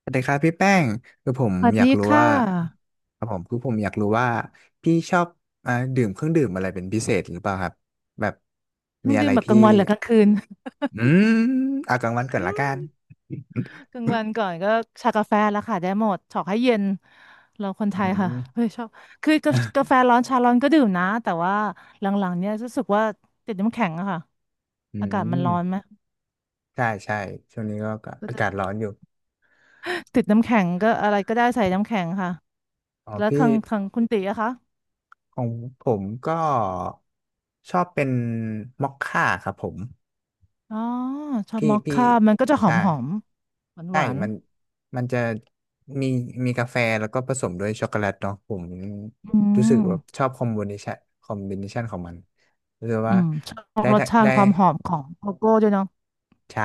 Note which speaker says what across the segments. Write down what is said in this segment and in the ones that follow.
Speaker 1: สวัสดีครับพี่แป้งคือผม
Speaker 2: สวัส
Speaker 1: อยาก
Speaker 2: ดี
Speaker 1: รู้
Speaker 2: ค่ะ
Speaker 1: ว่าครับผมอยากรู้ว่าพี่ชอบดื่มเครื่องดื่มอะไรเป็นพิเศษหรือเปล่าครับแบบ
Speaker 2: เพิ่
Speaker 1: มี
Speaker 2: ง
Speaker 1: อะ
Speaker 2: ดื่
Speaker 1: ไร
Speaker 2: มแบบก
Speaker 1: ที่
Speaker 2: ลางวันหรือกลางคืน
Speaker 1: อืมเอากลางวันก่อน
Speaker 2: อื
Speaker 1: ละกั
Speaker 2: ม
Speaker 1: น
Speaker 2: กลางวันก่อนก็ชากาแฟแล้วค่ะ ได้หมดชอบให้เย็น เราคนไท
Speaker 1: อื
Speaker 2: ยค่ะ
Speaker 1: ม
Speaker 2: เฮ้ยชอบ คือกากา แฟร้อนชาร้อนก็ดื่มนะ แต่ว่าหลังๆเนี่ยรู้สึกว่าติดน้ำแข็งอะค่ะ
Speaker 1: อื
Speaker 2: อากาศมัน
Speaker 1: ม
Speaker 2: ร้อนไหม
Speaker 1: ใช่ใช่ช่วงนี้ก็
Speaker 2: ก็
Speaker 1: อา
Speaker 2: จะ
Speaker 1: กาศร้อนอยู่
Speaker 2: ติดน้ำแข็งก็อะไรก็ได้ใส่น้ำแข็งค่ะ
Speaker 1: อ๋อ
Speaker 2: แล้ว
Speaker 1: พี่
Speaker 2: ทางคุณตีอะคะ
Speaker 1: ของผมก็ชอบเป็นมอคค่าครับผม
Speaker 2: อ๋อชอบ
Speaker 1: พี่
Speaker 2: มอค
Speaker 1: พี่
Speaker 2: ค่ามันก็จะหอ
Speaker 1: ใช่
Speaker 2: มหอมหวาน
Speaker 1: ใช่
Speaker 2: หวาน
Speaker 1: มันจะมีมีกาแฟแล้วก็ผสมด้วยช็อกโกแลตเนาะผม
Speaker 2: ๆอื
Speaker 1: รู้สึก
Speaker 2: ม
Speaker 1: ว่าชอบคอมบิเนชันคอมบิเนชันของมันรู้สึก
Speaker 2: อื
Speaker 1: ว่า
Speaker 2: มชอบ
Speaker 1: ได้
Speaker 2: รส
Speaker 1: ได้
Speaker 2: ชา
Speaker 1: ได้
Speaker 2: ติความหอมของโกโก้ด้วยเนาะ
Speaker 1: ใช่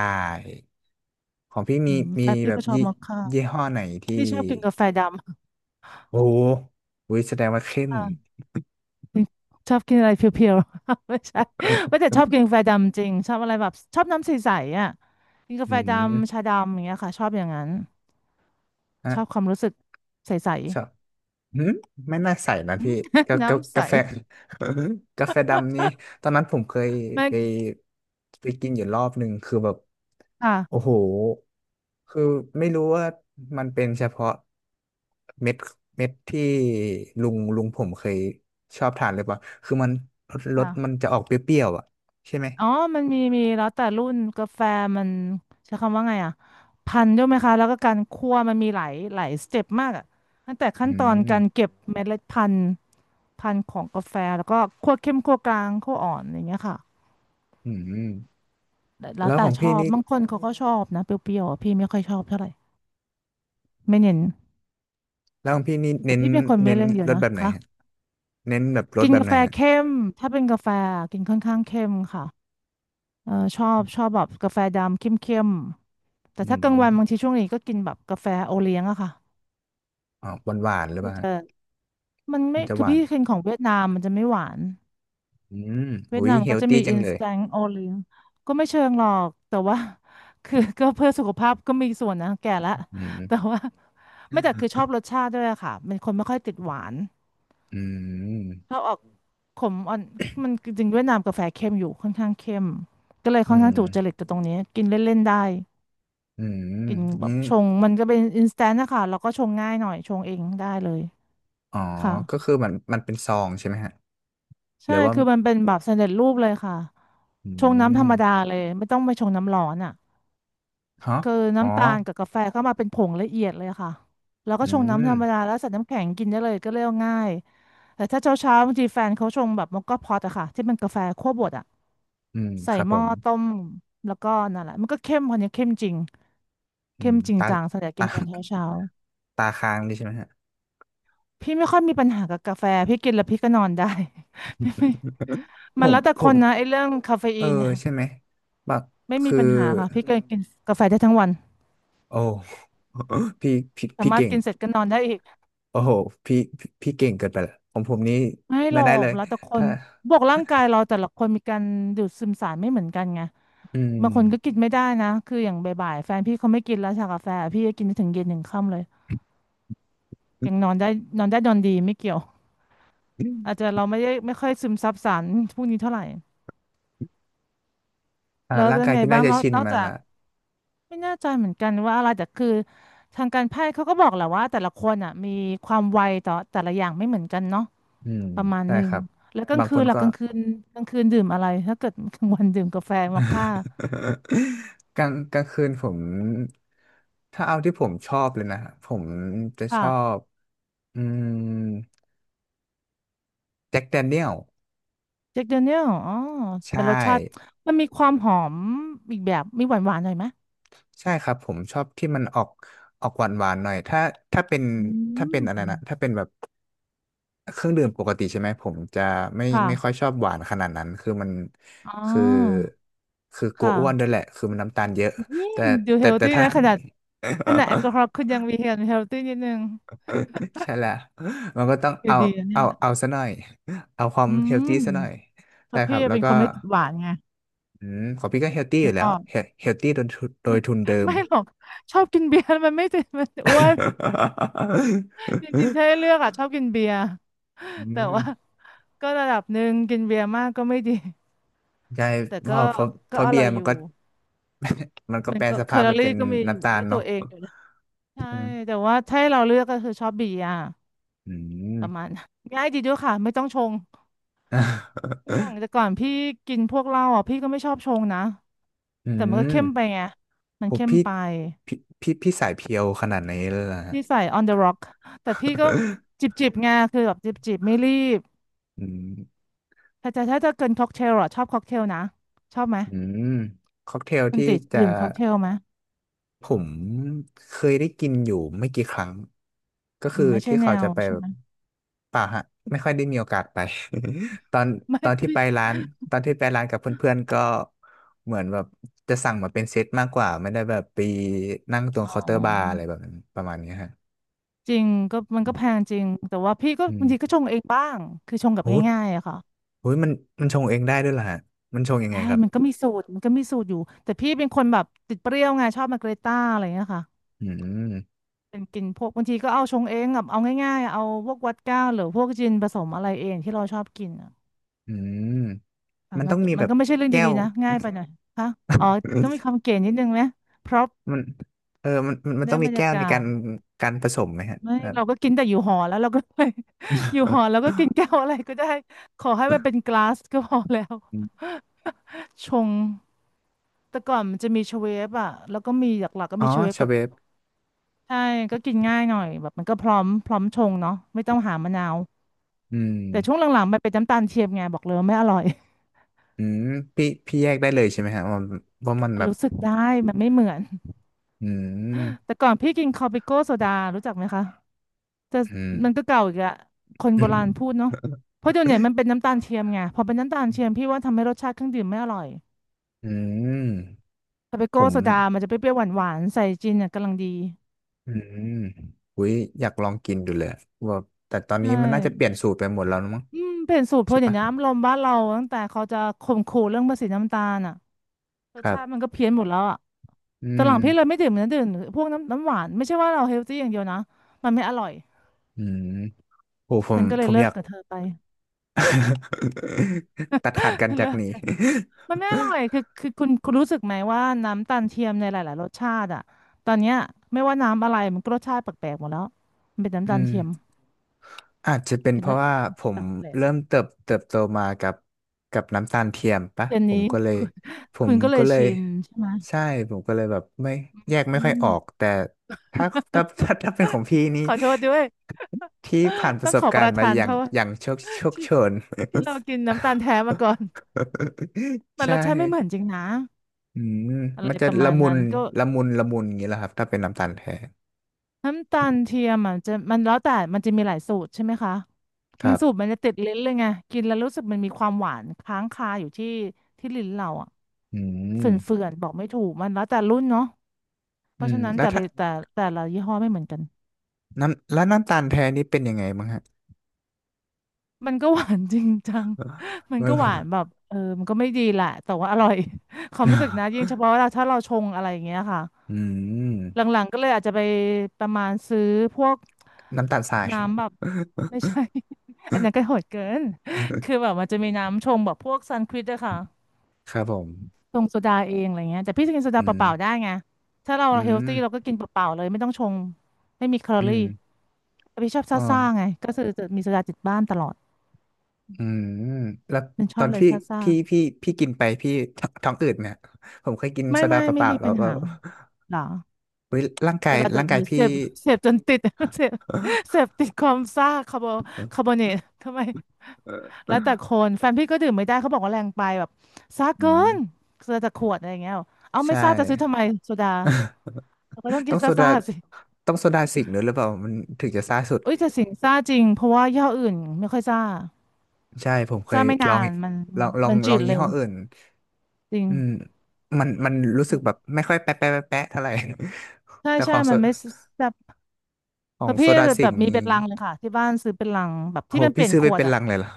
Speaker 1: ของพี่
Speaker 2: อื
Speaker 1: มี
Speaker 2: มแฟ
Speaker 1: มี
Speaker 2: นพี่
Speaker 1: แบบ
Speaker 2: ก็ชอบ
Speaker 1: ยี่
Speaker 2: มอคค่า
Speaker 1: ยี่ห้อไหนที่
Speaker 2: พี่ชอบกินกาแฟด
Speaker 1: โอ้โหอุ๊ยแสดงว่าเข้
Speaker 2: ำ
Speaker 1: ม
Speaker 2: ค่ะชอบกินอะไรเพียวๆ ไม่ใช่ไม่
Speaker 1: เออ
Speaker 2: แต่ชอบกินกาแฟดำจริงชอบอะไรแบบชอบน้ำใสๆอ่ะกินกา
Speaker 1: อื
Speaker 2: แฟดำชา
Speaker 1: ม
Speaker 2: ดำอย่างเงี้ยค่ะชอบอย่างนั้นช
Speaker 1: ฮะ
Speaker 2: อบความรู้สึกใส
Speaker 1: ชอบหืมไม่น่าใส่นะ
Speaker 2: ๆ อื
Speaker 1: พี่
Speaker 2: ม น้ำใส
Speaker 1: กาแฟ กาแฟดำนี่ตอนนั้นผมเคย
Speaker 2: มัน
Speaker 1: ไปไปกินอยู่รอบหนึ่งคือแบบ
Speaker 2: ค่ะ
Speaker 1: โอ้โห คือไม่รู้ว่ามันเป็นเฉพาะเม็ดเม็ดที่ลุงผมเคยชอบทานหรือเปล่าคือมันรส
Speaker 2: ค่ะ
Speaker 1: มันจะออกเปรี้ยวๆอ่ะใช่ไหม
Speaker 2: อ๋อมันมีมีแล้วแต่รุ่นกาแฟมันใช้คำว่าไงอ่ะพันธุ์ด้วยไหมคะแล้วก็การคั่วมันมีหลายหลายสเต็ปมากอ่ะตั้งแต่ขั้
Speaker 1: อื
Speaker 2: นตอน
Speaker 1: ม
Speaker 2: การเก็บเมล็ดพันธุ์ พันธุ์ของกาแฟแล้วก็คั่วเข้มคั่วกลางคั่วอ่อนอย่างเงี้ยค่ะ
Speaker 1: อืม
Speaker 2: แต่แล้ว
Speaker 1: แล้วข
Speaker 2: แต่
Speaker 1: อง
Speaker 2: ช
Speaker 1: พี่
Speaker 2: อบ
Speaker 1: นี่
Speaker 2: บางคนเขาก็ชอบนะเปรี้ยวๆอะพี่ไม่ค่อยชอบเท่าไหร่ไม่เน้น
Speaker 1: แล้วของพี่นี่
Speaker 2: แต่
Speaker 1: เน้น
Speaker 2: พี่เป็นคนไม่
Speaker 1: เน้น
Speaker 2: เล่นเย
Speaker 1: ร
Speaker 2: อะ
Speaker 1: ส
Speaker 2: นะ
Speaker 1: แบบไหน
Speaker 2: คะ
Speaker 1: ฮะเน้นแบบรส
Speaker 2: กิน
Speaker 1: แบบ
Speaker 2: กา
Speaker 1: ไหน
Speaker 2: แฟ
Speaker 1: ฮะ
Speaker 2: เข้มถ้าเป็นกาแฟกินค่อนข้างเข้มค่ะเออชอบชอบแบบกาแฟดำเข้มๆแต่
Speaker 1: อื
Speaker 2: ถ้า
Speaker 1: ม
Speaker 2: กลางวันบางทีช่วงนี้ก็กินแบบกาแฟโอเลี้ยงอะค่ะ
Speaker 1: อ๋อหวานหวานหรือเป
Speaker 2: พี่
Speaker 1: ล่าฮะ
Speaker 2: จะมัน
Speaker 1: มั
Speaker 2: ไม่
Speaker 1: นจะห
Speaker 2: คือ
Speaker 1: วาน
Speaker 2: พี่กินของเวียดนามมันจะไม่หวาน
Speaker 1: อืม
Speaker 2: เวีย
Speaker 1: อุ้
Speaker 2: ด
Speaker 1: ย
Speaker 2: นาม
Speaker 1: เฮ
Speaker 2: ก็
Speaker 1: ล
Speaker 2: จะ
Speaker 1: ตี้
Speaker 2: มี
Speaker 1: จังเลย
Speaker 2: instant o เลี้ยงก็ไม่เชิงหรอกแต่ว่า คือ ก็เพื่อสุขภาพก็มีส่วนนะแก่ละ
Speaker 1: อื
Speaker 2: แต่
Speaker 1: ม
Speaker 2: ว่าไม่แต่คือชอบรสชาติด้วยอะค่ะเป็นคนไม่ค่อยติดหวาน
Speaker 1: อืม
Speaker 2: ชอบออกขมอ่อนมันจริงๆเวียดนามกาแฟเข้มอยู่ค่อนข้างเข้มก็เลย
Speaker 1: อื
Speaker 2: ค่อนข้างถูกจริต
Speaker 1: ม
Speaker 2: กับตรงนี้กินเล่นๆได้
Speaker 1: อื
Speaker 2: กินแบบ
Speaker 1: ม
Speaker 2: ชงมันก็เป็น instant นะคะแล้วก็ชงง่ายหน่อยชงเองได้เลย
Speaker 1: อ๋อ
Speaker 2: ค่ะ
Speaker 1: ก็คือมันเป็นซองใช่ไหมฮะห
Speaker 2: ใช่
Speaker 1: รือว่า
Speaker 2: คือมันเป็นแบบสำเร็จรูปเลยค่ะ
Speaker 1: อื
Speaker 2: ชงน้ำธร
Speaker 1: ม
Speaker 2: รมดาเลยไม่ต้องไปชงน้ำร้อนอ่ะ
Speaker 1: ฮะ
Speaker 2: คือ
Speaker 1: อ๋อ
Speaker 2: น้ำตาลกับกาแฟเข้ามาเป็นผงละเอียดเลยค่ะแล้วก็
Speaker 1: อื
Speaker 2: ชงน้ำธ
Speaker 1: ม
Speaker 2: รรมดาแล้วใส่น้ำแข็งกินได้เลยก็เรียกว่าง่ายแต่ถ้าเช้าเช้าบางทีแฟนเขาชงแบบมอคค่าพอตอะค่ะที่เป็นกาแฟคั่วบดอะ
Speaker 1: อืม
Speaker 2: ใส่
Speaker 1: ครับ
Speaker 2: ห
Speaker 1: ผ
Speaker 2: ม้อ
Speaker 1: ม
Speaker 2: ต้มแล้วก็นั่นแหละมันก็เข้มคนนี้เข้มจริง
Speaker 1: อื
Speaker 2: เข้
Speaker 1: ม
Speaker 2: มจริง
Speaker 1: ตา
Speaker 2: จังสำหรับกิ
Speaker 1: ตา
Speaker 2: นตอนเช้าเช้า
Speaker 1: ตาค้างนี่ใช่ไหมฮะ
Speaker 2: พี่ไม่ค่อยมีปัญหากับกาแฟพี่กินแล้วพี่ก็นอนได้
Speaker 1: ผ
Speaker 2: มัน
Speaker 1: ม
Speaker 2: แล้วแต่
Speaker 1: ผ
Speaker 2: ค
Speaker 1: ม
Speaker 2: นนะไอ้เรื่องคาเฟ
Speaker 1: เอ
Speaker 2: อี
Speaker 1: อ
Speaker 2: นเนี่ย
Speaker 1: ใช่ไหมบัก
Speaker 2: ไม่มี
Speaker 1: คือ
Speaker 2: ปัญหาค่ะพี่ก็กินกาแฟได้ทั้งวัน
Speaker 1: โอ้ พี่พี่
Speaker 2: สา
Speaker 1: พี่
Speaker 2: มารถ
Speaker 1: เก่ง
Speaker 2: กินเสร็จก็นอนได้อีก
Speaker 1: โอ้โหพี่พี่เก่งเกินไปละของผมนี้
Speaker 2: ไม่ห
Speaker 1: ไม่
Speaker 2: รอ
Speaker 1: ได้เล
Speaker 2: ก
Speaker 1: ย
Speaker 2: แล้วแต่ค
Speaker 1: ถ้า
Speaker 2: นบวกร่างกายเราแต่ละคนมีการดูดซึมสารไม่เหมือนกันไง
Speaker 1: อื
Speaker 2: บางคนก็กิ
Speaker 1: ม
Speaker 2: นไม่ได้นะคืออย่างบ่ายๆแฟนพี่เขาไม่กินแล้วชากาแฟพี่ก็กินไปถึงเย็นถึงค่ำเลยยังนอนได้นอนได้นอนดีไม่เกี่ยวอาจจะเราไม่ได้ไม่ค่อยซึมซับสารพวกนี้เท่าไหร่
Speaker 1: อ่า
Speaker 2: แล้ว
Speaker 1: ร่าง
Speaker 2: เป็น
Speaker 1: กาย
Speaker 2: ไง
Speaker 1: พี่น่า
Speaker 2: บ้าง
Speaker 1: จะ
Speaker 2: นอก
Speaker 1: ชิน
Speaker 2: นอก
Speaker 1: มัน
Speaker 2: จาก
Speaker 1: ละ
Speaker 2: ไม่แน่ใจเหมือนกันว่าอะไรแต่คือทางการแพทย์เขาก็บอกแหละว่าแต่ละคนอ่ะมีความไวต่อแต่ละอย่างไม่เหมือนกันเนาะ
Speaker 1: อืม
Speaker 2: ประมาณ
Speaker 1: ใช่
Speaker 2: หนึ่
Speaker 1: ค
Speaker 2: ง
Speaker 1: รับ
Speaker 2: แล้วกลาง
Speaker 1: บาง
Speaker 2: คื
Speaker 1: ค
Speaker 2: น
Speaker 1: น
Speaker 2: ล่ะ
Speaker 1: ก็
Speaker 2: กลางคืนกลางคืนดื่มอะไร ถ้าเกิดกลางวันดื่มกาแฟมอคค่า
Speaker 1: กลางคืนผมถ้าเอาที่ผมชอบเลยนะผมจะช
Speaker 2: ค่ะ
Speaker 1: อบอืมแจ็คแดเนียล
Speaker 2: เจ็คเดเนียลอ๋อ
Speaker 1: ใช่
Speaker 2: เป็นรสชาติมันมีความหอมอีกแบบ มีหวานหวานหน่อยไหม
Speaker 1: ใช่ครับผมชอบที่มันออกออกหวานหวานหน่อยถ้าถ้าเป็น
Speaker 2: อื
Speaker 1: ถ้าเป็นอะไรนะถ้า
Speaker 2: ม
Speaker 1: เป็นแบบเครื่องดื่มปกติใช่ไหมผมจะไม่
Speaker 2: ค่ะ
Speaker 1: ไม่ค่อยชอบหวานขนาดนั้นคือมัน
Speaker 2: อ๋อ
Speaker 1: คือคือกลัว
Speaker 2: ค่ะ
Speaker 1: อ้วนด้วยแหละคือมันน้ำตาลเยอะ
Speaker 2: นี่
Speaker 1: แต่
Speaker 2: ดูเฮ
Speaker 1: แต่
Speaker 2: ล
Speaker 1: แต่
Speaker 2: ตี้
Speaker 1: ถ้า
Speaker 2: นะขนาดขนาดแอลกอฮอล์ คุณยังมีเฮลตี้นิดนึง
Speaker 1: ใช่แล้ว มันก็ต้อง
Speaker 2: อยู่
Speaker 1: เอา
Speaker 2: ดีนะเนี่
Speaker 1: เอา
Speaker 2: ย
Speaker 1: เอาซะหน่อย เอาความ
Speaker 2: อื
Speaker 1: เฮลตี้
Speaker 2: ม
Speaker 1: ซะหน่อย
Speaker 2: เพ
Speaker 1: ใช่
Speaker 2: ราะ
Speaker 1: ครั
Speaker 2: พี่
Speaker 1: บแล้ว
Speaker 2: เป็น
Speaker 1: ก็
Speaker 2: คนไม่ติดหวานไง
Speaker 1: อืมของพี่ก็เฮลตี้อ
Speaker 2: นึ
Speaker 1: ยู่
Speaker 2: ก
Speaker 1: แล้
Speaker 2: อ
Speaker 1: ว
Speaker 2: อก
Speaker 1: เฮลตี้โดยทุนเดิม
Speaker 2: ไม่หรอกชอบกินเบียร์แล้วมันไม่ติดมันอ้วนจริงๆถ้าให้เลือ กอ่ะชอบกินเบียร์
Speaker 1: อื
Speaker 2: แต่ว่า
Speaker 1: ม
Speaker 2: ก็ระดับหนึ่งกินเบียร์มากก็ไม่ดี
Speaker 1: ใช่
Speaker 2: แต่ก็
Speaker 1: เพ
Speaker 2: ก็
Speaker 1: ราะ
Speaker 2: อ
Speaker 1: เบี
Speaker 2: ร่
Speaker 1: ย
Speaker 2: อย
Speaker 1: ร์
Speaker 2: อ
Speaker 1: มัน
Speaker 2: ยู่
Speaker 1: ก็ มันก็
Speaker 2: มั
Speaker 1: แป
Speaker 2: น
Speaker 1: ร
Speaker 2: ก็
Speaker 1: ส
Speaker 2: แค
Speaker 1: ภาพ
Speaker 2: ลอ
Speaker 1: ไป
Speaker 2: รี่
Speaker 1: เป็น
Speaker 2: ก็มีอยู่
Speaker 1: น้ำตา
Speaker 2: ด้
Speaker 1: ล
Speaker 2: วยตั
Speaker 1: เนาะ
Speaker 2: วเองอยู่นะใช่
Speaker 1: อืม
Speaker 2: แต่ว่าถ้าให้เราเลือกก็คือชอบเบียร์
Speaker 1: อืม
Speaker 2: ประมาณ นั้นง่ายดีด้วยค่ะไม่ต้องชงอย่าง แต่ก่อนพี่กินพวกเหล้าอ่ะพี่ก็ไม่ชอบชงนะ
Speaker 1: อื
Speaker 2: แต่มันก็
Speaker 1: ม
Speaker 2: เข้มไปไงมั
Speaker 1: ผ
Speaker 2: น
Speaker 1: ม
Speaker 2: เข้มไป
Speaker 1: พี่พี่พี่สายเพียวขนาดไหนเลยล่ะฮะ
Speaker 2: พี่ใส่ on the rock แต่พี่ก็จิ บจิบไงคือแบบจิบจิบไม่รีบ
Speaker 1: อืม
Speaker 2: แต่แต่ถ้าจะเกินค็อกเทลอ่ะชอบค็อกเทลนะชอบไหม
Speaker 1: อืมค็อกเทล
Speaker 2: มัน
Speaker 1: ที่
Speaker 2: ติด
Speaker 1: จะ
Speaker 2: ดื่มค็อกเทลไหม
Speaker 1: ผมเคยได้กินอยู่ไม่กี่ครั้งก็
Speaker 2: อื
Speaker 1: คือ
Speaker 2: มไม่ใช่
Speaker 1: ที่
Speaker 2: แน
Speaker 1: เขา
Speaker 2: ว
Speaker 1: จะไป
Speaker 2: ใช่
Speaker 1: แบ
Speaker 2: ไห
Speaker 1: บ
Speaker 2: ม
Speaker 1: ป่าฮะไม่ค่อยได้มีโอกาสไป ตอน
Speaker 2: ไม่
Speaker 1: ตอนที่
Speaker 2: พี่
Speaker 1: ไปร้านตอนที่ไปร้านกับเพื่อนๆก็เหมือนแบบจะสั่งมาเป็นเซตมากกว่าไม่ได้แบบไปนั่งตรง
Speaker 2: อ๋อ
Speaker 1: เคาน์เตอร์บาร์อะไรแบบนั้นประมาณเนี้ยฮะ
Speaker 2: จริงก็มันก็แพงจริงแต่ว่าพี่ก็
Speaker 1: อื
Speaker 2: บา
Speaker 1: ม
Speaker 2: งทีก็ชงเองบ้างคือชงแบบ
Speaker 1: โอ้โห
Speaker 2: ง่ายๆอะค่ะ
Speaker 1: โอ้ยมันมันชงเองได้ด้วยเหรอฮะมันชงยังไง
Speaker 2: ใช่
Speaker 1: ครับ
Speaker 2: มันก็มีสูตรอยู่แต่พี่เป็นคนแบบติดเปรี้ยวไงชอบมาเกรต้าอะไรเงี้ยค่ะ
Speaker 1: อืม
Speaker 2: เป็นกินพวกบางทีก็เอาชงเองแบบเอาง่ายๆเอาพวกวอดก้าหรือพวกจินผสมอะไรเองที่เราชอบกินอะ
Speaker 1: อืม
Speaker 2: อ่ะ
Speaker 1: มัน
Speaker 2: มั
Speaker 1: ต้
Speaker 2: น
Speaker 1: อง
Speaker 2: ก็
Speaker 1: มี
Speaker 2: มั
Speaker 1: แบ
Speaker 2: น
Speaker 1: บ
Speaker 2: ก็ไม่ใช่เรื่อง
Speaker 1: แก้
Speaker 2: ดี
Speaker 1: ว
Speaker 2: ๆนะง่ายไปหน่อยค่ะอ๋อต้องมี ความเก๋นิดนึงไหมเพราะ
Speaker 1: มันเออมันมัน
Speaker 2: ได้
Speaker 1: ต้อง
Speaker 2: บ
Speaker 1: มี
Speaker 2: รร
Speaker 1: แก้
Speaker 2: ยา
Speaker 1: วใน
Speaker 2: กา
Speaker 1: การ
Speaker 2: ศ
Speaker 1: การผสมไหมฮะ
Speaker 2: ไม่
Speaker 1: แบบ
Speaker 2: เราก็กินแต่อยู่หอแล้วเราก็ อยู่หอแล้วก็กินแก้วอะไรก็ได้ขอให้มันเป็นกลาสก็พอแล้ว
Speaker 1: อม
Speaker 2: ชงแต่ก่อนมันจะมีเชเวฟอ่ะแล้วก็มีหลักๆก็
Speaker 1: อ๋อ
Speaker 2: มีเชเวฟ
Speaker 1: ชา
Speaker 2: กับ
Speaker 1: เวฟ
Speaker 2: ใช่ก็กินง่ายหน่อยแบบมันก็พร้อมชงเนาะไม่ต้องหามะนาว
Speaker 1: อืม
Speaker 2: แต่ช่วงหลังๆมันเป็นน้ำตาลเทียมไงบอกเลยว่าไม่อร่อย
Speaker 1: อืมพี่แยกได้เลยใช่ไหมฮะว่าว่ามัน
Speaker 2: มั
Speaker 1: แบ
Speaker 2: น
Speaker 1: บ
Speaker 2: รู้สึกได้มันไม่เหมือน
Speaker 1: อืม
Speaker 2: แต่ก่อนพี่กินคอปิโก้โซดารู้จักไหมคะแต่
Speaker 1: อืม
Speaker 2: มันก็เก่าอีกอะคนโบราณพูดเนาะเพราะเดี๋ยวนี้มันเป็ นน้ำตาลเทียมไงพอเป็นน้ำตาลเทียมพี่ว่าทำให้รสชาติเครื่องดื่มไม่อร่อย
Speaker 1: อืม
Speaker 2: ทาเป
Speaker 1: ผ
Speaker 2: โก้
Speaker 1: ม
Speaker 2: โซดามันจะเปรี้ยวๆหวานๆใส่จินเนี่ยกำลังดี
Speaker 1: อืมอุ้ยอยากลองกินดูเลยว่าแต่ตอนนี้
Speaker 2: ใช่
Speaker 1: มันน่าจะเปลี่ยนสูตรไปหมดแล้วนะมั้ง
Speaker 2: อืมเปลี่ยนสูตรเพ
Speaker 1: ใช่
Speaker 2: ราะอย่าง
Speaker 1: ปะ
Speaker 2: นี้อารมณ์บ้านเราตั้งแต่เขาจะข่มขู่เรื่องภาษีน้ำตาลอ่ะร
Speaker 1: ค
Speaker 2: ส
Speaker 1: รั
Speaker 2: ชาติมั
Speaker 1: บ
Speaker 2: นก็เพี้ยนหมดแล้วอ่ะ
Speaker 1: อื
Speaker 2: ตอนห
Speaker 1: ม
Speaker 2: ลังพี่เลยไม่ดื่มนะดื่มพวกน้ำหวานไม่ใช่ว่าเราเฮลตี้อย่างเดียวนะ มันไม่อร่อย
Speaker 1: อืมโอ้ผ
Speaker 2: ฉั
Speaker 1: ม
Speaker 2: นก็เล
Speaker 1: ผ
Speaker 2: ย
Speaker 1: ม
Speaker 2: เลิ
Speaker 1: อ
Speaker 2: ก
Speaker 1: ยาก
Speaker 2: กับเธอไป
Speaker 1: ตัดขาดกัน จา
Speaker 2: เลิ
Speaker 1: ก
Speaker 2: ก
Speaker 1: นี้
Speaker 2: กันมันไม่อร่อยคือคุณรู้สึกไหมว่าน้ำตาลเทียมในหลายๆรสชาติอ่ะตอนเนี้ยไม่ว่าน้ำอะไรมันก็รสชาติแปลกๆหมดแล้วมันเป็นน้ำตา
Speaker 1: อื
Speaker 2: ล
Speaker 1: ม
Speaker 2: เทียม
Speaker 1: อาจจะเป็น
Speaker 2: กิ
Speaker 1: เพ
Speaker 2: นแล้
Speaker 1: ราะ
Speaker 2: ว
Speaker 1: ว่าผ
Speaker 2: แ
Speaker 1: ม
Speaker 2: ปลก
Speaker 1: เริ่มเติบโตมากับกับน้ำตาลเทียมปะ
Speaker 2: เดื๋ย
Speaker 1: ผ
Speaker 2: นี้
Speaker 1: มก็เลย
Speaker 2: คุณ
Speaker 1: ผ
Speaker 2: คุ
Speaker 1: ม
Speaker 2: ณก็เล
Speaker 1: ก็
Speaker 2: ย
Speaker 1: เลย
Speaker 2: ชินใช่ไหม
Speaker 1: ใช่ผมก็เลยแบบไม่แยกไม่
Speaker 2: อื
Speaker 1: ค่อย
Speaker 2: ม
Speaker 1: ออกแต่ถ้าถ้าเป็นของพี่นี่
Speaker 2: ขอโทษด้วย
Speaker 1: ที่ผ่านป
Speaker 2: ต้อ
Speaker 1: ระ
Speaker 2: ง
Speaker 1: ส
Speaker 2: ข
Speaker 1: บ
Speaker 2: อป
Speaker 1: การ
Speaker 2: ระ
Speaker 1: ณ์มา
Speaker 2: ทาน
Speaker 1: อ
Speaker 2: โท
Speaker 1: ย่าง
Speaker 2: ษ
Speaker 1: อย่าง
Speaker 2: ที่
Speaker 1: โชน
Speaker 2: ที่เรากินน้ำตาลแท้มาก่อน มั
Speaker 1: ใช
Speaker 2: นรสชาติไม่เหมือนจ
Speaker 1: ่
Speaker 2: ริงนะ
Speaker 1: อืม
Speaker 2: อะไร
Speaker 1: มันจะ
Speaker 2: ประ
Speaker 1: ละ
Speaker 2: มาณ
Speaker 1: มุ
Speaker 2: นั้
Speaker 1: น
Speaker 2: นก็
Speaker 1: ละมุนอย่างนี้แหละครับถ้าเป็นน้ำตาลแท้
Speaker 2: น้ำตาลเทียมอ่ะจะมันแล้วแต่มันจะมีหลายสูตรใช่ไหมคะ
Speaker 1: ค
Speaker 2: บา
Speaker 1: รั
Speaker 2: งสูตรมั
Speaker 1: บ
Speaker 2: นจะติดลิ้นเลยไงกินแล้วรู้สึกมันมีความหวานค้างคาอยู่ที่ลิ้นเราอ่ะ
Speaker 1: อื
Speaker 2: เฝ
Speaker 1: ม
Speaker 2: ื่อนๆบอกไม่ถูกมันแล้วแต่รุ่นเนาะเพ
Speaker 1: อื
Speaker 2: ราะ
Speaker 1: ม
Speaker 2: ฉะนั้น
Speaker 1: แล้ว
Speaker 2: แต่ละ
Speaker 1: ถ้า
Speaker 2: แต่แต่ละยี่ห้อไม่เหมือนกัน
Speaker 1: น้ำตาลแท้นี่เป็นยังไงบ้างฮะ
Speaker 2: มันก็หวานจริงจัง มัน
Speaker 1: มั
Speaker 2: ก็หวานแบ
Speaker 1: น
Speaker 2: บเออมันก็ไม่ดีแหละแต่ว่าอร่อย ความรู้สึกนะยิ่ง เฉพาะเราถ้าเราชงอะไรอย่างเงี้ยค่ะ
Speaker 1: อืม
Speaker 2: หลังๆก็เลยอาจจะไปประมาณซื้อพวก
Speaker 1: น้ำตาลทราย
Speaker 2: น้ำแบบ ไม่ใช่ อันนั้นก็โหดเกิน คือแบบมันจะมีน้ำชงแบบพวกซันควิดอะค่ะ
Speaker 1: ครับผม
Speaker 2: ชงโซดาเองอะไรเงี้ยแต่พี่จะกินโซดา
Speaker 1: อื
Speaker 2: เป
Speaker 1: ม
Speaker 2: ล่าๆได้ไงถ้าเรา
Speaker 1: อื
Speaker 2: เฮล
Speaker 1: ม
Speaker 2: ตี้เราก็กินเปล่าๆเลยไม่ต้องชงไม่มีแคลอ
Speaker 1: อื
Speaker 2: รี่
Speaker 1: ม
Speaker 2: แต่พี่ชอบ
Speaker 1: อ๋อ
Speaker 2: ซ่าๆไงก็คือจะมีโซดาติดบ้านตลอด
Speaker 1: อืม แล้ว
Speaker 2: มันช
Speaker 1: ต
Speaker 2: อ
Speaker 1: อ
Speaker 2: บ
Speaker 1: น
Speaker 2: เลย
Speaker 1: ที่
Speaker 2: ซ่า
Speaker 1: พี่พี่กินไปพี่ท้องอืดเนี่ย ผมเคยกิน
Speaker 2: ไม่
Speaker 1: โซดา
Speaker 2: ไม่
Speaker 1: เป
Speaker 2: ไม่
Speaker 1: ล่า
Speaker 2: มี
Speaker 1: ๆแล้
Speaker 2: ปั
Speaker 1: ว
Speaker 2: ญ
Speaker 1: ก็
Speaker 2: หาหรอ
Speaker 1: เฮ้ย
Speaker 2: แต่เราจะ
Speaker 1: ร่างกา
Speaker 2: ห
Speaker 1: ย
Speaker 2: รือเส
Speaker 1: พี่
Speaker 2: พเสพจนติด เสพเสพติดความซ่าคาร์โบคาร์บอเนตทำไมแล้วแต่ คนแฟนพี่ก็ดื่มไม่ได้เขาบอกว่าแรงไปแบบซ่า
Speaker 1: อื
Speaker 2: เกิน
Speaker 1: ม
Speaker 2: ซาจากขวดอะไรอย่างเงี้ยเอาไม่
Speaker 1: ใช่
Speaker 2: ซ่าจะซื้อทำไมโซดาเราก็ต้องกิ
Speaker 1: ต้อ
Speaker 2: น
Speaker 1: งโซดา
Speaker 2: ซ่าๆสิ
Speaker 1: ต้องโซดาสิงค์ด้วยหรือเปล่ามันถึงจะซ่าสุด
Speaker 2: อุ้ยแต่สิงซ่าจริงเพราะว่ายี่ห้ออื่นไม่ค่อยซ่า
Speaker 1: ใช่ผมเคย
Speaker 2: ซ่าไม่
Speaker 1: ล
Speaker 2: นา
Speaker 1: อง
Speaker 2: นมันมันมันจืด
Speaker 1: ยี่
Speaker 2: เร็
Speaker 1: ห้
Speaker 2: ว
Speaker 1: ออื่น
Speaker 2: จริง
Speaker 1: อืมมันมันรู้สึกแบบไม่ค่อยแปะเท่าไหร่
Speaker 2: ใช่
Speaker 1: แต่ข
Speaker 2: ใช่
Speaker 1: อง
Speaker 2: มันไม่แซ่บ
Speaker 1: ขอ
Speaker 2: แต่
Speaker 1: งโซ
Speaker 2: พี่
Speaker 1: ดา
Speaker 2: แบบ
Speaker 1: สิ
Speaker 2: แบ
Speaker 1: ง
Speaker 2: บ
Speaker 1: ห์
Speaker 2: มีเป็น
Speaker 1: นี่
Speaker 2: ลังเลยค่ะที่บ้านซื้อเป็นลังแบบ
Speaker 1: โห
Speaker 2: ที่มันเป
Speaker 1: พี่
Speaker 2: ลี่ยน
Speaker 1: ซื้อ
Speaker 2: ข
Speaker 1: ไป
Speaker 2: วด
Speaker 1: เป็น
Speaker 2: อะ
Speaker 1: ลังเลยเหรอ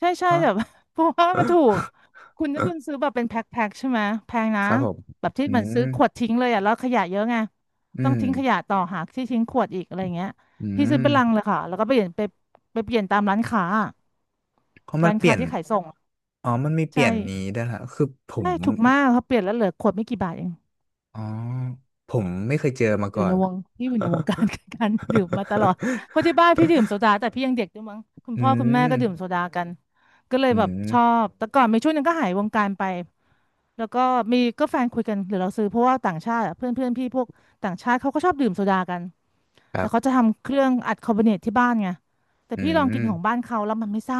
Speaker 2: ใช่ใช่
Speaker 1: ฮะ
Speaker 2: แบบ เพราะว่ามันถูกคุณซื้อแบบเป็นแพ็คใช่ไหมแพง นะ
Speaker 1: ครับผม
Speaker 2: แบบที่
Speaker 1: อื
Speaker 2: มันซื้อขวด
Speaker 1: ม
Speaker 2: ทิ้งเลยอ่ะแล้วขยะเยอะไง
Speaker 1: อื
Speaker 2: ต้อง
Speaker 1: ม
Speaker 2: ทิ้งขยะต่อหากที่ทิ้งขวดอีกอะไรเงี้ย
Speaker 1: อื
Speaker 2: พี่ซื้อ
Speaker 1: ม
Speaker 2: เป็นลังเลยค่ะแล้วก็ไปเปลี่ยนตามร้านค้าอะ
Speaker 1: เพราะมัน
Speaker 2: ร้าน
Speaker 1: เปลี่
Speaker 2: ค้า
Speaker 1: ยน
Speaker 2: ที่ขายส่งอะ
Speaker 1: อ๋อมันมีเป
Speaker 2: ใช่
Speaker 1: ลี่ยนนี้ด้วยฮะคือผ
Speaker 2: ใช่
Speaker 1: ม
Speaker 2: ถูกมากเขาเปลี่ยนแล้วเหลือขวดไม่กี่บาทเอง
Speaker 1: อ๋อผมไม่เคยเจอมา
Speaker 2: อ
Speaker 1: ก่
Speaker 2: ยู่
Speaker 1: อ
Speaker 2: ใน
Speaker 1: น
Speaker 2: วงพี่อยู่ในวงการ การดื่มมาตลอดเพราะที่บ้านพี่ดื่มโซ ดาแต่พี่ยังเด็กด้วยมั้งคุณ
Speaker 1: อื
Speaker 2: พ่อคุณแม่
Speaker 1: ม
Speaker 2: ก็ดื่มโซดากันก็เลย
Speaker 1: อื
Speaker 2: แบบชอ
Speaker 1: ม
Speaker 2: บแต่ก่อนมีช่วงหนึงก็หายวงการไป แล้วก็มีก็แฟนคุยกันหรือเราซื้อเพราะว่าต่างชาติอะเพื่อนเพื่อนพี่พวกต่างชาติเขาก็ชอบดื่มโซดากัน
Speaker 1: ครั
Speaker 2: แต่เขาจะ
Speaker 1: บ
Speaker 2: ทำเครื่องอัดคาร์บอเนตที่บ้านไงแต่
Speaker 1: อื
Speaker 2: พี่ลอง
Speaker 1: ม
Speaker 2: กินของบ้านเขาแล้วมันไม่ซ่า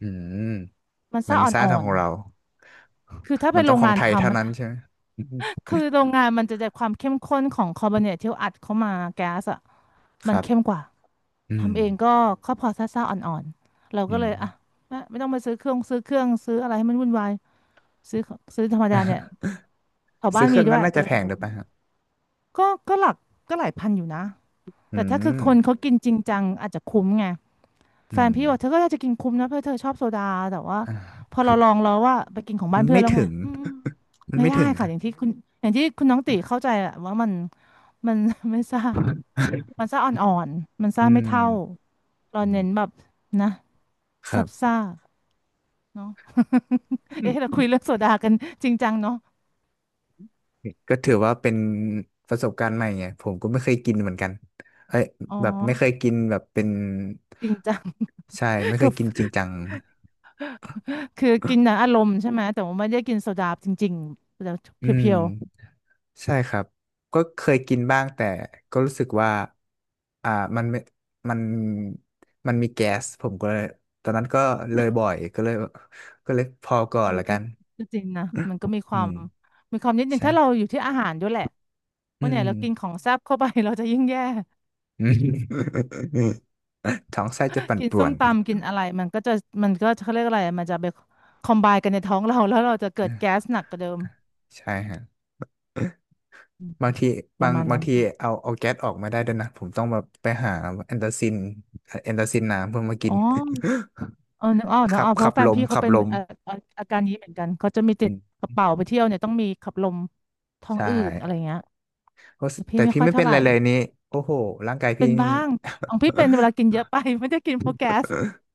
Speaker 1: อืม
Speaker 2: มัน
Speaker 1: มั
Speaker 2: ซ่า
Speaker 1: นไม่ใช่
Speaker 2: อ่
Speaker 1: ทา
Speaker 2: อ
Speaker 1: ง
Speaker 2: น
Speaker 1: ของเรา
Speaker 2: ๆคือถ้า
Speaker 1: มั
Speaker 2: เป็
Speaker 1: น
Speaker 2: น
Speaker 1: ต้อ
Speaker 2: โร
Speaker 1: ง
Speaker 2: ง
Speaker 1: ของ
Speaker 2: งาน
Speaker 1: ไทยเท่า
Speaker 2: ทำมัน
Speaker 1: นั้นใช่ไหม ม
Speaker 2: คือโรงงานมันจะได้ความเข้มข้นของคาร์บอเนตที่อัดเข้ามาแก๊สอ่ะ
Speaker 1: ค
Speaker 2: มัน
Speaker 1: รั
Speaker 2: เข้ม
Speaker 1: บ
Speaker 2: กว่า
Speaker 1: อืม
Speaker 2: ทำเองก็ก็พอซ่าอ่อนๆเราก็
Speaker 1: อื
Speaker 2: เล
Speaker 1: ม
Speaker 2: ยอ่ะไม่ต้องไปซื้อเครื่องซื้ออะไรให้มันวุ่นวายซื้อซื้อธรรมดาเนี่ยแถว
Speaker 1: ซื้
Speaker 2: บ้าน
Speaker 1: อเค
Speaker 2: มี
Speaker 1: รื่อง
Speaker 2: ด้ว
Speaker 1: นั้น
Speaker 2: ย
Speaker 1: น่า
Speaker 2: ก็
Speaker 1: จะ
Speaker 2: เลย
Speaker 1: แพ
Speaker 2: สะ
Speaker 1: ง
Speaker 2: ด
Speaker 1: ด้
Speaker 2: วก
Speaker 1: วยป่ะฮะ
Speaker 2: ก็หลักก็หลายพันอยู่นะ
Speaker 1: อื
Speaker 2: แต่ถ้าคือ
Speaker 1: ม
Speaker 2: คนเขากินจริงจังอาจจะคุ้มไงแฟ
Speaker 1: อื
Speaker 2: น
Speaker 1: ม
Speaker 2: พี่บอกเธอก็อยากจะกินคุ้มนะเพราะเธอชอบโซดาแต่ว่า
Speaker 1: อ่า
Speaker 2: พอเราลองแล้วว่าไปกินของบ้านเพื่อ
Speaker 1: ไม่
Speaker 2: นแล้วไง
Speaker 1: ถึง
Speaker 2: อืม
Speaker 1: มัน
Speaker 2: ไม่
Speaker 1: ไม่
Speaker 2: ได้
Speaker 1: ถึงค
Speaker 2: ค่ะ
Speaker 1: รั
Speaker 2: อ
Speaker 1: บ
Speaker 2: ย่างที่คุณอย่างที่คุณน้องติเข้าใจแหละว่ามัน ไม่ซ่ามันซ่าอ่อนๆมันซ่า
Speaker 1: อื
Speaker 2: ไม่
Speaker 1: ม
Speaker 2: เท่าเรา
Speaker 1: อื
Speaker 2: เน้นแบ
Speaker 1: ม
Speaker 2: บนะ
Speaker 1: ครั
Speaker 2: ซับ
Speaker 1: บ
Speaker 2: ซ่าเนาะ
Speaker 1: อื
Speaker 2: เอ๊ะเรา
Speaker 1: ม
Speaker 2: คุยเรื่องโซดากันจริงจังเนาะ
Speaker 1: ก็ถือว่าเป็นประสบการณ์ใหม่ไงผมก็ไม่เคยกินเหมือนกันเอ้ย
Speaker 2: อ๋อ
Speaker 1: แบบไม่เคยกินแบบเป็น
Speaker 2: จริงจัง
Speaker 1: ใช่ไม่ เค
Speaker 2: ก็
Speaker 1: ยกินจริงจัง
Speaker 2: คือกินนะอารมณ์ใช่ไหมแต่ว่าไม่ได้กินโซดาจริงๆแต่เ
Speaker 1: อืม
Speaker 2: พียว
Speaker 1: ใช่ครับก็เคยกินบ้างแต่ก็รู้สึกว่าอ่ามันไม่มันมันมีแก๊สผมก็เลยตอนนั้นก็เลยบ่อยก็เลยก็เลยพอก่อ
Speaker 2: เอ
Speaker 1: น
Speaker 2: อ
Speaker 1: ละกั
Speaker 2: ก็
Speaker 1: น
Speaker 2: ก็จริงนะมันก็มีค
Speaker 1: อื
Speaker 2: วาม
Speaker 1: ม
Speaker 2: มีความนิดนึง
Speaker 1: ใช่
Speaker 2: ถ้าเราอยู่ที่อาหารด้วยแหละ
Speaker 1: อื
Speaker 2: วันไหน
Speaker 1: ม
Speaker 2: เรากินของแซ่บเข้าไป เราจะยิ่งแย่
Speaker 1: อืม ท้องไส้จะปั่น
Speaker 2: กิน
Speaker 1: ป่
Speaker 2: ส้
Speaker 1: ว
Speaker 2: ม
Speaker 1: น
Speaker 2: ตำกินอะไรมันก็จะมันก็เขาเรียกอะไรมันจะไปคอมไบกันในท้องเราแล้วเราจะเกิดแก๊สหนักกว่าเดิม
Speaker 1: ใช่ฮะ
Speaker 2: อืม
Speaker 1: บางที
Speaker 2: ป
Speaker 1: บา
Speaker 2: ระ
Speaker 1: ง
Speaker 2: มาณ
Speaker 1: บา
Speaker 2: นั้
Speaker 1: ง
Speaker 2: น
Speaker 1: ที
Speaker 2: ค่ะ
Speaker 1: เอาแก๊สออกมาได้ด้วยนะผมต้องแบบไปหาแอนตาซินแอนตาซินน้ำเพื่อมากิ
Speaker 2: อ๋
Speaker 1: น
Speaker 2: อเออนึกออก นึก
Speaker 1: ขั
Speaker 2: อ
Speaker 1: บ
Speaker 2: อกเพราะแฟนพี่เขา
Speaker 1: ขับ
Speaker 2: เป็น
Speaker 1: ลม
Speaker 2: เอาออาการนี้เหมือนกันเขาจะมีติ
Speaker 1: อื
Speaker 2: ด
Speaker 1: ม
Speaker 2: กระเป๋าไปเที่ยวเนี่ยต้องมีขับลมท้อง
Speaker 1: ใช่
Speaker 2: อืดอะไรเงี้ย
Speaker 1: โอ้
Speaker 2: แต่พี่
Speaker 1: แต่
Speaker 2: ไม่
Speaker 1: พี่
Speaker 2: ค่อย
Speaker 1: ไม่เป็
Speaker 2: เท่า
Speaker 1: น
Speaker 2: ไห
Speaker 1: ไร
Speaker 2: ร่
Speaker 1: เลยนี้โอ้โหร่างกาย
Speaker 2: เป็
Speaker 1: พี่
Speaker 2: นบ้างของพี่เป็นเวลากินเยอะไป ไม่ได้กินเพราะแก๊ส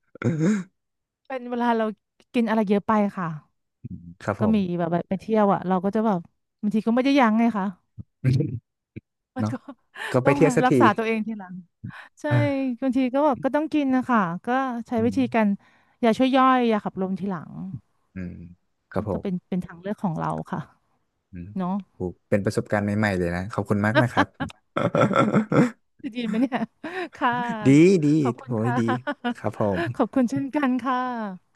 Speaker 2: เป็นเวลาเรากินอะไรเยอะไปค่ะ
Speaker 1: ครับผ
Speaker 2: ก็
Speaker 1: ม
Speaker 2: มีแบบไปเที่ยวอ่ะเราก็จะแบบบางทีก็ไม่ได้ยั้งไงคะ มัน
Speaker 1: เนาะ
Speaker 2: ก็
Speaker 1: ก็ ไป
Speaker 2: ต้อง
Speaker 1: เที่ยว
Speaker 2: มา
Speaker 1: สัก
Speaker 2: รัก
Speaker 1: ที
Speaker 2: ษาตัวเองทีหลังใช่
Speaker 1: อา
Speaker 2: บางทีก็แบบก็ต้องกินนะคะก็ใช้วิ
Speaker 1: อื
Speaker 2: ธีการ
Speaker 1: ม
Speaker 2: ยาช่วยย่อยยาขับลมทีหลัง
Speaker 1: อืมครับผ
Speaker 2: ก็
Speaker 1: ม
Speaker 2: เป็นทางเลือกของเราค่ะ
Speaker 1: อืม
Speaker 2: เนาะ
Speaker 1: โอ้เป็นประสบการณ์ใหม่ๆเลยนะขอบคุณมากนะครับ
Speaker 2: โอเคจะดีไหมเนี่ยค่ะ
Speaker 1: ดีดี
Speaker 2: ขอบคุ
Speaker 1: โห
Speaker 2: ณค่
Speaker 1: ดีค
Speaker 2: ะ
Speaker 1: รับผ
Speaker 2: ขอบ
Speaker 1: ม
Speaker 2: คุณเช่นกันค่ะ